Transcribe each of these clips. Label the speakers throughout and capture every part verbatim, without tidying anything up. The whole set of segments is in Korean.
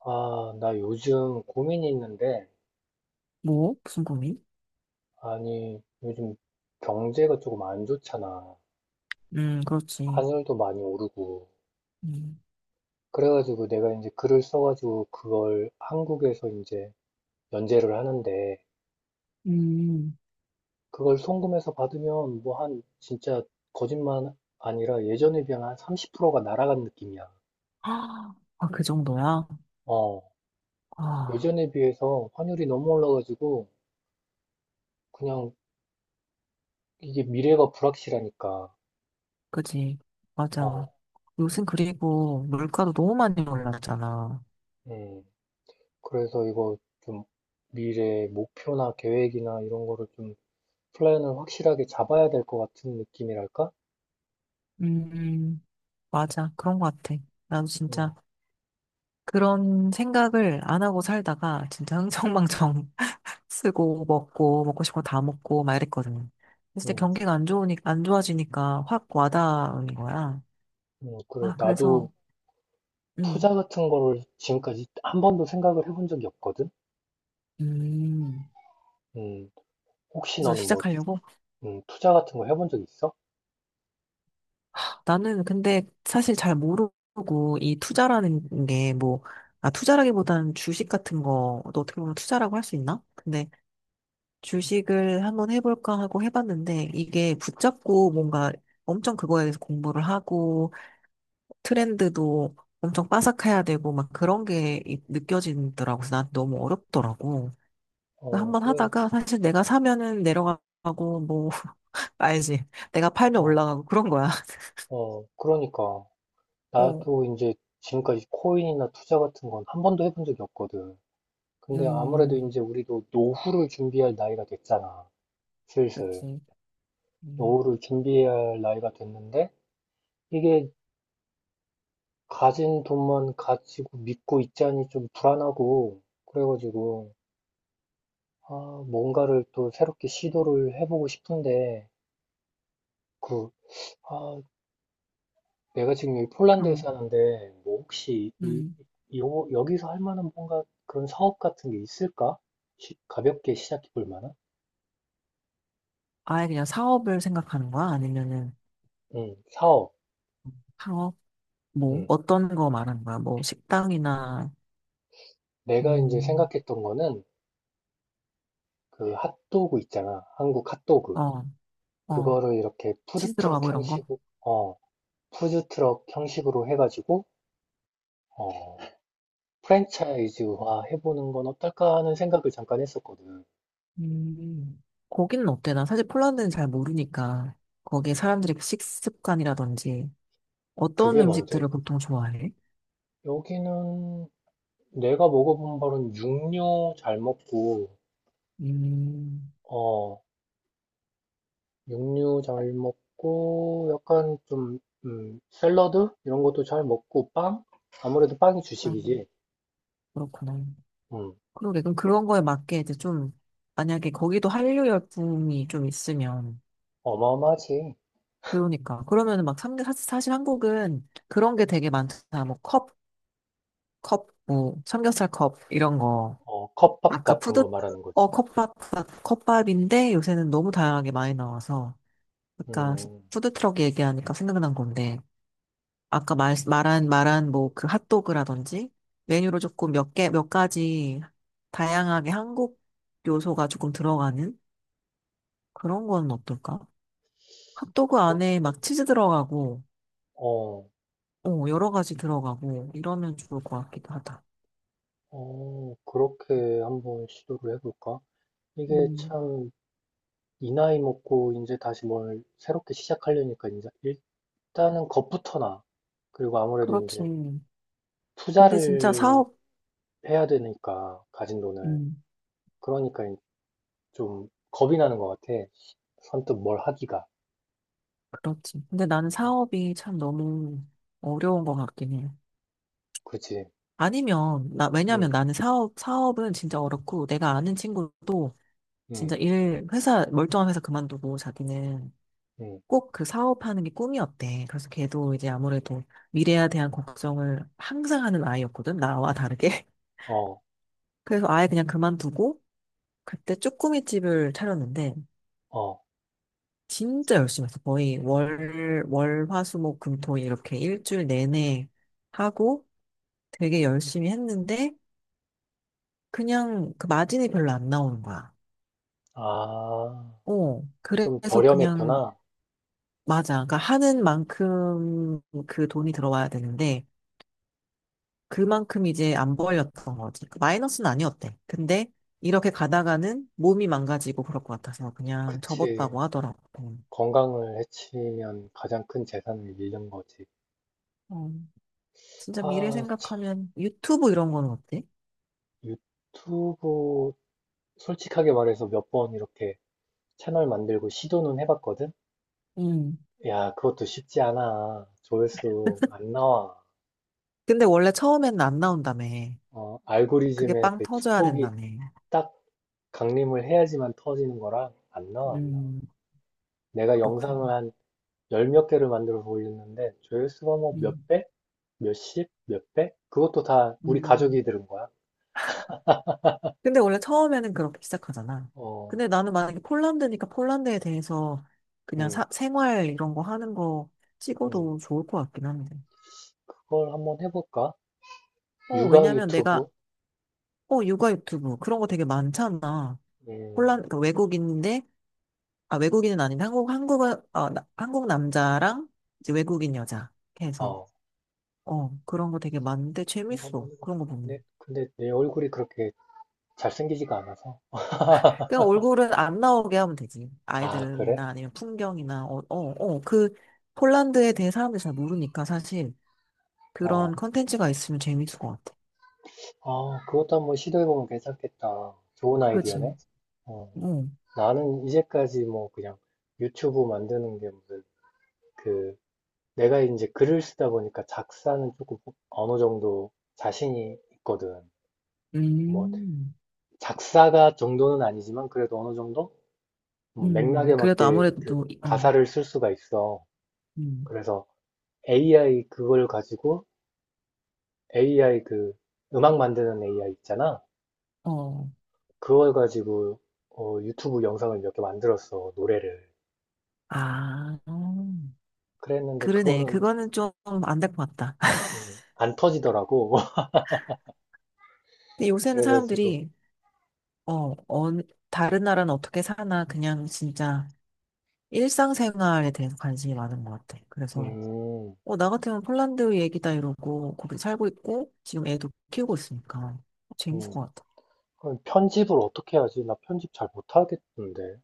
Speaker 1: 아, 나 요즘 고민이 있는데,
Speaker 2: 뭐? 무슨 고민?
Speaker 1: 아니, 요즘 경제가 조금 안 좋잖아.
Speaker 2: 음, 그렇지.
Speaker 1: 환율도 많이 오르고.
Speaker 2: 음.
Speaker 1: 그래가지고 내가 이제 글을 써가지고 그걸 한국에서 이제 연재를 하는데,
Speaker 2: 음.
Speaker 1: 그걸 송금해서 받으면 뭐 한, 진짜 거짓말 아니라 예전에 비하면 한 삼십 퍼센트가 날아간 느낌이야.
Speaker 2: 아, 그 정도야?
Speaker 1: 어,
Speaker 2: 아.
Speaker 1: 예전에 비해서 환율이 너무 올라가지고, 그냥 이게 미래가 불확실하니까.
Speaker 2: 그지. 맞아.
Speaker 1: 어,
Speaker 2: 요즘 그리고 물가도 너무 많이 올랐잖아.
Speaker 1: 음. 그래서 이거 좀 미래 목표나 계획이나 이런 거를 좀 플랜을 확실하게 잡아야 될 것 같은 느낌이랄까?
Speaker 2: 음, 맞아. 그런 것 같아. 나도
Speaker 1: 음,
Speaker 2: 진짜 그런 생각을 안 하고 살다가 진짜 흥청망청 쓰고 먹고 먹고 싶은 거 다 먹고 막 이랬거든. 근데 진짜
Speaker 1: 음,
Speaker 2: 경기가 안 좋으니까 안 좋아지니까 확 와닿은 거야.
Speaker 1: 음, 그래.
Speaker 2: 아, 그래서
Speaker 1: 나도
Speaker 2: 음,
Speaker 1: 투자 같은 거를 지금까지 한 번도 생각을 해본 적이 없거든?
Speaker 2: 음.
Speaker 1: 음, 혹시
Speaker 2: 그래서
Speaker 1: 너는 뭐,
Speaker 2: 시작하려고.
Speaker 1: 음, 투자 같은 거 해본 적 있어?
Speaker 2: 나는 근데 사실 잘 모르고 이 투자라는 게 뭐, 아, 투자라기보다는 주식 같은 거도 어떻게 보면 투자라고 할 수 있나? 근데 주식을 한번 해볼까 하고 해봤는데 이게 붙잡고 뭔가 엄청 그거에 대해서 공부를 하고 트렌드도 엄청 빠삭해야 되고 막 그런 게 이- 느껴지더라고. 그래서 난 너무 어렵더라고. 그래서
Speaker 1: 어,
Speaker 2: 한번
Speaker 1: 그래.
Speaker 2: 하다가 사실 내가 사면은 내려가고 뭐, 알지. 내가 팔면
Speaker 1: 어,
Speaker 2: 올라가고 그런 거야.
Speaker 1: 어, 그러니까.
Speaker 2: 어.
Speaker 1: 나도 이제 지금까지 코인이나 투자 같은 건 한 번도 해본 적이 없거든. 근데 아무래도
Speaker 2: 음,
Speaker 1: 이제 우리도 노후를 준비할 나이가 됐잖아. 슬슬.
Speaker 2: 그렇지. 음.
Speaker 1: 노후를 준비해야 할 나이가 됐는데 이게 가진 돈만 가지고 믿고 있자니 좀 불안하고 그래가지고 아, 뭔가를 또 새롭게 시도를 해보고 싶은데 그 아, 내가 지금 여기 폴란드에
Speaker 2: 그럼.
Speaker 1: 사는데 뭐 혹시 이,
Speaker 2: 음.
Speaker 1: 이 요- 여기서 할 만한 뭔가 그런 사업 같은 게 있을까? 시- 가볍게 시작해 볼 만한?
Speaker 2: 아예 그냥 사업을 생각하는 거야? 아니면은
Speaker 1: 응 사업.
Speaker 2: 창업? 뭐,
Speaker 1: 응.
Speaker 2: 어떤 거 말하는 거야? 뭐, 식당이나.
Speaker 1: 내가 이제
Speaker 2: 음.
Speaker 1: 생각했던 거는 그 핫도그 있잖아. 한국 핫도그.
Speaker 2: 어. 어,
Speaker 1: 그거를 이렇게
Speaker 2: 치즈
Speaker 1: 푸드트럭
Speaker 2: 들어가고 이런 거?
Speaker 1: 형식으로, 어, 푸드트럭 형식으로 해가지고, 어, 프랜차이즈화 해보는 건 어떨까 하는 생각을 잠깐 했었거든.
Speaker 2: 음. 거기는 어때? 나 사실 폴란드는 잘 모르니까, 거기에 사람들의 식습관이라든지, 어떤
Speaker 1: 그게 먼저일
Speaker 2: 음식들을
Speaker 1: 거야.
Speaker 2: 보통 좋아해?
Speaker 1: 여기는 내가 먹어본 바로는 육류 잘 먹고,
Speaker 2: 음.
Speaker 1: 어, 육류 잘 먹고, 약간 좀, 음, 샐러드? 이런 것도 잘 먹고, 빵? 아무래도 빵이
Speaker 2: 아,
Speaker 1: 주식이지.
Speaker 2: 그렇구나.
Speaker 1: 음,
Speaker 2: 그러게, 그럼 그런 거에 맞게 이제 좀, 만약에 거기도 한류 열풍이 좀 있으면,
Speaker 1: 어마어마하지.
Speaker 2: 그러니까. 그러면은 막 삼겹, 사실, 사실 한국은 그런 게 되게 많잖아. 뭐 컵, 컵, 뭐 삼겹살 컵, 이런 거.
Speaker 1: 어, 컵밥
Speaker 2: 아까
Speaker 1: 같은
Speaker 2: 푸드,
Speaker 1: 거 말하는 거지.
Speaker 2: 어, 컵밥, 컵밥인데 요새는 너무 다양하게 많이 나와서. 아까
Speaker 1: 음,
Speaker 2: 푸드트럭 얘기하니까 생각난 건데. 아까 말, 말한, 말한 뭐 그 핫도그라든지 메뉴로 조금 몇 개, 몇 가지 다양하게 한국 요소가 조금 들어가는 그런 건 어떨까? 핫도그
Speaker 1: 그것도,
Speaker 2: 안에 막 치즈 들어가고
Speaker 1: 어,
Speaker 2: 어, 여러 가지 들어가고 이러면 좋을 것 같기도 하다.
Speaker 1: 어, 그렇게 한번 시도를 해볼까? 이게
Speaker 2: 음,
Speaker 1: 참, 이 나이 먹고 이제 다시 뭘 새롭게 시작하려니까 이제 일단은 겁부터 나. 그리고 아무래도
Speaker 2: 그렇지.
Speaker 1: 이제
Speaker 2: 근데 진짜
Speaker 1: 투자를
Speaker 2: 사업,
Speaker 1: 해야 되니까, 가진 돈을.
Speaker 2: 음,
Speaker 1: 그러니까 좀 겁이 나는 것 같아. 선뜻 뭘 하기가.
Speaker 2: 그렇지. 근데 나는 사업이 참 너무 어려운 것 같긴 해.
Speaker 1: 그치?
Speaker 2: 아니면, 나, 왜냐면
Speaker 1: 응,
Speaker 2: 나는 사업, 사업은 진짜 어렵고 내가 아는 친구도
Speaker 1: 응,
Speaker 2: 진짜 일, 회사, 멀쩡한 회사 그만두고 자기는
Speaker 1: 응.
Speaker 2: 꼭 그 사업하는 게 꿈이었대. 그래서 걔도 이제 아무래도 미래에 대한 걱정을 항상 하는 아이였거든. 나와 다르게.
Speaker 1: 어,
Speaker 2: 그래서 아예 그냥 그만두고 그때 쭈꾸미집을 차렸는데
Speaker 1: 어.
Speaker 2: 진짜 열심히 했어. 거의 월, 월, 화, 수, 목, 금, 토 이렇게 일주일 내내 하고 되게 열심히 했는데 그냥 그 마진이 별로 안 나오는 거야.
Speaker 1: 아,
Speaker 2: 어,
Speaker 1: 좀
Speaker 2: 그래서 그냥
Speaker 1: 저렴했구나.
Speaker 2: 맞아. 그러니까 하는 만큼 그 돈이 들어와야 되는데 그만큼 이제 안 벌렸던 거지. 마이너스는 아니었대. 근데 이렇게 가다가는 몸이 망가지고 그럴 것 같아서 그냥
Speaker 1: 그치.
Speaker 2: 접었다고 하더라고.
Speaker 1: 건강을 해치면 가장 큰 재산을 잃는 거지.
Speaker 2: 어. 진짜 미래
Speaker 1: 아, 참,
Speaker 2: 생각하면 유튜브 이런 거는 어때?
Speaker 1: 유튜브 솔직하게 말해서 몇 번 이렇게 채널 만들고 시도는 해봤거든?
Speaker 2: 음.
Speaker 1: 야, 그것도 쉽지 않아. 조회수 안 나와.
Speaker 2: 근데 원래 처음에는 안 나온다며.
Speaker 1: 어,
Speaker 2: 그게
Speaker 1: 알고리즘의
Speaker 2: 빵
Speaker 1: 그
Speaker 2: 터져야
Speaker 1: 축복이
Speaker 2: 된다며.
Speaker 1: 딱 강림을 해야지만 터지는 거라 안 나와, 안 나와.
Speaker 2: 음,
Speaker 1: 내가
Speaker 2: 그렇구나.
Speaker 1: 영상을 한 열몇 개를 만들어서 올렸는데 조회수가 뭐 몇
Speaker 2: 음.
Speaker 1: 백? 몇십? 몇 백? 그것도 다 우리 가족이
Speaker 2: 음.
Speaker 1: 들은 거야.
Speaker 2: 근데 원래 처음에는 그렇게 시작하잖아.
Speaker 1: 어,
Speaker 2: 근데 나는 만약에 폴란드니까 폴란드에 대해서 그냥
Speaker 1: 음,
Speaker 2: 사- 생활 이런 거 하는 거
Speaker 1: 음.
Speaker 2: 찍어도 좋을 것 같긴 한데.
Speaker 1: 그걸 한번 해볼까?
Speaker 2: 어,
Speaker 1: 육아
Speaker 2: 왜냐면
Speaker 1: 유튜브?
Speaker 2: 내가, 어, 육아 유튜브 그런 거 되게 많잖아. 폴란,
Speaker 1: 음.
Speaker 2: 그러니까 외국인인데 아, 외국인은 아닌데 한국 한국 어, 나- 한국 남자랑 이제 외국인 여자 이렇게 해서
Speaker 1: 어.
Speaker 2: 어 그런 거 되게 많은데
Speaker 1: 거
Speaker 2: 재밌어
Speaker 1: 한번
Speaker 2: 그런 거
Speaker 1: 해볼까?
Speaker 2: 보면.
Speaker 1: 근데, 근데 내 얼굴이 그렇게 잘생기지가 않아서.
Speaker 2: 그냥 얼굴은 안 나오게 하면 되지.
Speaker 1: 아, 그래?
Speaker 2: 아이들이나 아니면 풍경이나 어어어그 폴란드에 대해 사람들이 잘 모르니까 사실
Speaker 1: 어.
Speaker 2: 그런 컨텐츠가 있으면 재밌을 것 같아.
Speaker 1: 아, 그것도 한번 시도해보면 괜찮겠다. 좋은
Speaker 2: 그렇지.
Speaker 1: 아이디어네. 어.
Speaker 2: 어.
Speaker 1: 나는 이제까지 뭐 그냥 유튜브 만드는 게 무슨 그 내가 이제 글을 쓰다 보니까 작사는 조금 어느 정도 자신이 있거든. 뭐
Speaker 2: 음.
Speaker 1: 작사가 정도는 아니지만 그래도 어느 정도 음,
Speaker 2: 음.
Speaker 1: 맥락에
Speaker 2: 그래도
Speaker 1: 맞게
Speaker 2: 아무래도,
Speaker 1: 그
Speaker 2: 또 이- 어,
Speaker 1: 가사를 쓸 수가 있어.
Speaker 2: 음.
Speaker 1: 그래서 에이아이 그걸 가지고 에이아이 그 음악 만드는 에이아이 있잖아.
Speaker 2: 어.
Speaker 1: 그걸 가지고 어, 유튜브 영상을 몇 개 만들었어, 노래를.
Speaker 2: 아. 음.
Speaker 1: 그랬는데
Speaker 2: 그러네.
Speaker 1: 그거는
Speaker 2: 그거는 좀 안 될 것 같다.
Speaker 1: 음, 안 터지더라고.
Speaker 2: 근데 요새는
Speaker 1: 그래가지고
Speaker 2: 사람들이 어, 어, 다른 나라는 어떻게 사나, 그냥 진짜 일상생활에 대해서 관심이 많은 것 같아. 그래서,
Speaker 1: 음,
Speaker 2: 어, 나 같으면 폴란드 얘기다 이러고, 거기 살고 있고, 지금 애도 키우고 있으니까. 재밌을
Speaker 1: 음.
Speaker 2: 것 같아.
Speaker 1: 그럼 편집을 어떻게 하지? 나 편집 잘 못하겠던데.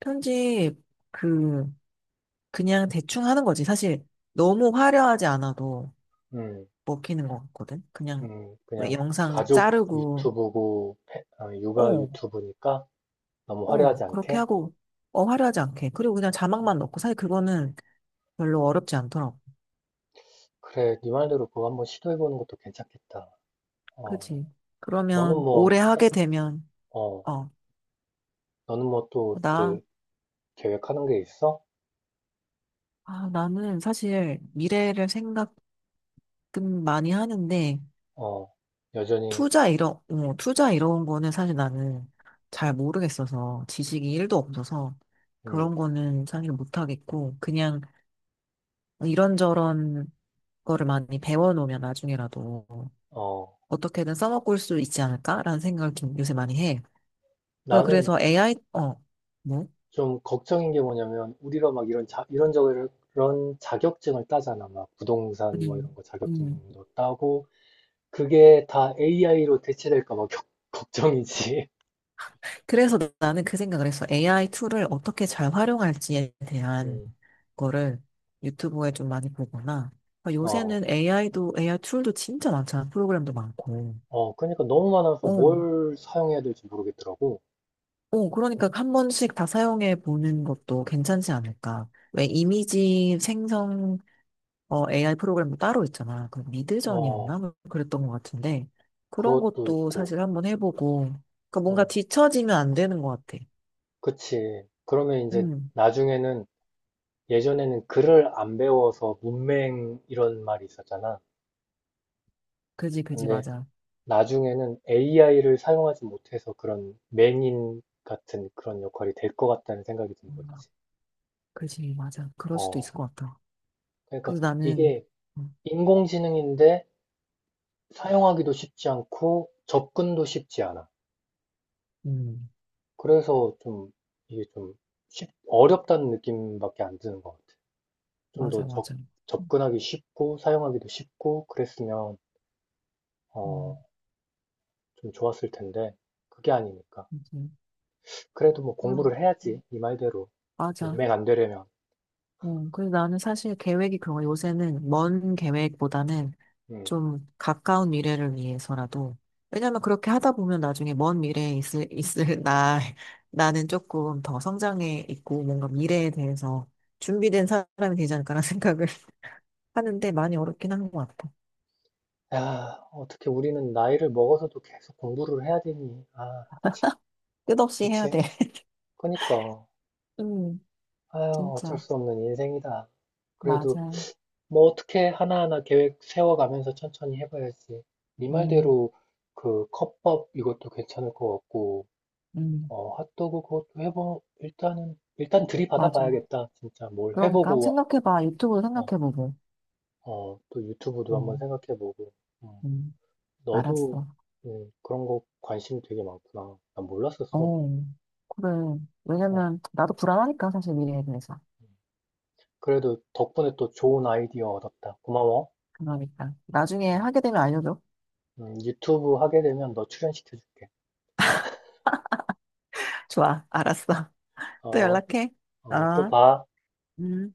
Speaker 2: 편집, 그, 그냥 대충 하는 거지. 사실, 너무 화려하지 않아도
Speaker 1: 음,
Speaker 2: 먹히는 것 같거든. 그냥,
Speaker 1: 음,
Speaker 2: 왜
Speaker 1: 그냥
Speaker 2: 영상
Speaker 1: 가족
Speaker 2: 자르고,
Speaker 1: 유튜브고 페- 어, 육아
Speaker 2: 어,
Speaker 1: 유튜브니까 너무
Speaker 2: 어,
Speaker 1: 화려하지
Speaker 2: 그렇게
Speaker 1: 않게.
Speaker 2: 하고, 어, 화려하지 않게. 그리고 그냥
Speaker 1: 음,
Speaker 2: 자막만 넣고, 사실 그거는 별로 어렵지 않더라고.
Speaker 1: 그래, 네 말대로 그거 한번 시도해보는 것도 괜찮겠다. 어,
Speaker 2: 그지.
Speaker 1: 너는
Speaker 2: 그러면
Speaker 1: 뭐,
Speaker 2: 오래 하게 되면,
Speaker 1: 어,
Speaker 2: 어,
Speaker 1: 너는 뭐또
Speaker 2: 나,
Speaker 1: 그 계획하는 게 있어?
Speaker 2: 아, 나는 사실 미래를 생각은 많이 하는데,
Speaker 1: 어, 여전히,
Speaker 2: 투자 이런, 어, 투자 이런 거는 사실 나는 잘 모르겠어서, 지식이 일 도 없어서,
Speaker 1: 음,
Speaker 2: 그런 거는 사실 못하겠고, 그냥 이런저런 거를 많이 배워놓으면 나중에라도
Speaker 1: 어,
Speaker 2: 어떻게든 써먹을 수 있지 않을까라는 생각을 좀 요새 많이 해. 그-
Speaker 1: 나는
Speaker 2: 그래서 에이아이, 어, 뭐?
Speaker 1: 좀 걱정인 게 뭐냐면, 우리가 막 이런 자, 이런저런 자격증을 따잖아. 막 부동산 뭐 이런
Speaker 2: 음.
Speaker 1: 거
Speaker 2: 음.
Speaker 1: 자격증도 따고, 그게 다 에이아이로 대체될까 봐 겨- 걱정이지.
Speaker 2: 그래서 나는 그 생각을 했어. 에이아이 툴을 어떻게 잘 활용할지에 대한
Speaker 1: 음,
Speaker 2: 거를 유튜브에 좀 많이 보거나. 그러니까
Speaker 1: 어,
Speaker 2: 요새는 에이아이도, 에이아이 툴도 진짜 많잖아. 프로그램도 많고.
Speaker 1: 어, 그러니까 너무 많아서
Speaker 2: 어.
Speaker 1: 뭘 사용해야 될지 모르겠더라고.
Speaker 2: 어, 그러니까 한 번씩 다 사용해 보는 것도 괜찮지 않을까. 왜 이미지 생성 어, 에이아이 프로그램도 따로 있잖아. 그 미드전이었나?
Speaker 1: 어,
Speaker 2: 뭐 그랬던 것 같은데. 그런
Speaker 1: 그것도
Speaker 2: 것도
Speaker 1: 있고,
Speaker 2: 사실 한번 해보고. 그러니까 뭔가
Speaker 1: 어,
Speaker 2: 뒤처지면 안 되는 것 같아.
Speaker 1: 그치. 그러면 이제
Speaker 2: 음.
Speaker 1: 나중에는 예전에는 글을 안 배워서 문맹 이런 말이 있었잖아.
Speaker 2: 그지, 그지,
Speaker 1: 근데
Speaker 2: 맞아.
Speaker 1: 나중에는 에이아이를 사용하지 못해서 그런 맹인 같은 그런 역할이 될 것 같다는 생각이 드는 거지.
Speaker 2: 그지, 맞아. 그럴 수도 있을
Speaker 1: 어,
Speaker 2: 것 같아.
Speaker 1: 그러니까
Speaker 2: 그래서 나는,
Speaker 1: 이게
Speaker 2: 음,
Speaker 1: 인공지능인데 사용하기도 쉽지 않고 접근도 쉽지 않아.
Speaker 2: 음,
Speaker 1: 그래서 좀 이게 좀 쉽, 어렵다는 느낌밖에 안 드는 것 같아. 좀
Speaker 2: 맞아,
Speaker 1: 더
Speaker 2: 맞아.
Speaker 1: 접근하기 쉽고 사용하기도 쉽고 그랬으면 어,
Speaker 2: 음.
Speaker 1: 좀 좋았을 텐데 그게 아니니까.
Speaker 2: 그지.
Speaker 1: 그래도 뭐
Speaker 2: 아.
Speaker 1: 공부를 해야지
Speaker 2: 음.
Speaker 1: 이 말대로 문
Speaker 2: 맞아.
Speaker 1: 맥안 되려면.
Speaker 2: 음, 그래서 나는 사실 계획이 그런 거, 요새는 먼 계획보다는
Speaker 1: 음.
Speaker 2: 좀 가까운 미래를 위해서라도, 왜냐면 그렇게 하다 보면 나중에 먼 미래에 있을, 있을 나, 나는 조금 더 성장해 있고, 뭔가 미래에 대해서 준비된 사람이 되지 않을까라는 생각을 하는데 많이 어렵긴 한 것 같아.
Speaker 1: 야, 어떻게 우리는 나이를 먹어서도 계속 공부를 해야 되니? 아,
Speaker 2: 끝없이 해야 돼.
Speaker 1: 그치? 그니까.
Speaker 2: 음.
Speaker 1: 아유, 어쩔
Speaker 2: 진짜.
Speaker 1: 수 없는 인생이다. 그래도
Speaker 2: 맞아요.
Speaker 1: 뭐 어떻게 하나하나 계획 세워가면서 천천히 해봐야지. 네
Speaker 2: 음.
Speaker 1: 말대로 그 컵밥 이것도 괜찮을 것 같고,
Speaker 2: 음,
Speaker 1: 어, 핫도그 그것도 해보, 일단은, 일단 들이받아
Speaker 2: 맞아.
Speaker 1: 봐야겠다. 진짜 뭘
Speaker 2: 그러니까 한번
Speaker 1: 해보고,
Speaker 2: 생각해봐. 유튜브로
Speaker 1: 어,
Speaker 2: 생각해보고.
Speaker 1: 어, 또 유튜브도 한번
Speaker 2: 음.
Speaker 1: 생각해보고, 음,
Speaker 2: 음,
Speaker 1: 너도
Speaker 2: 알았어.
Speaker 1: 음, 그런 거 관심이 되게 많구나. 난 몰랐었어.
Speaker 2: 어, 그래.
Speaker 1: 어,
Speaker 2: 왜냐면 나도 불안하니까 사실 미래에 대해서.
Speaker 1: 음. 그래도 덕분에 또 좋은 아이디어 얻었다. 고마워.
Speaker 2: 그러니까 나중에
Speaker 1: 음,
Speaker 2: 하게 되면 알려줘.
Speaker 1: 음, 유튜브 하게 되면 너 출연시켜줄게.
Speaker 2: 좋아, 알았어. 또
Speaker 1: 어,
Speaker 2: 연락해.
Speaker 1: 어, 또
Speaker 2: 어.
Speaker 1: 봐.
Speaker 2: 음.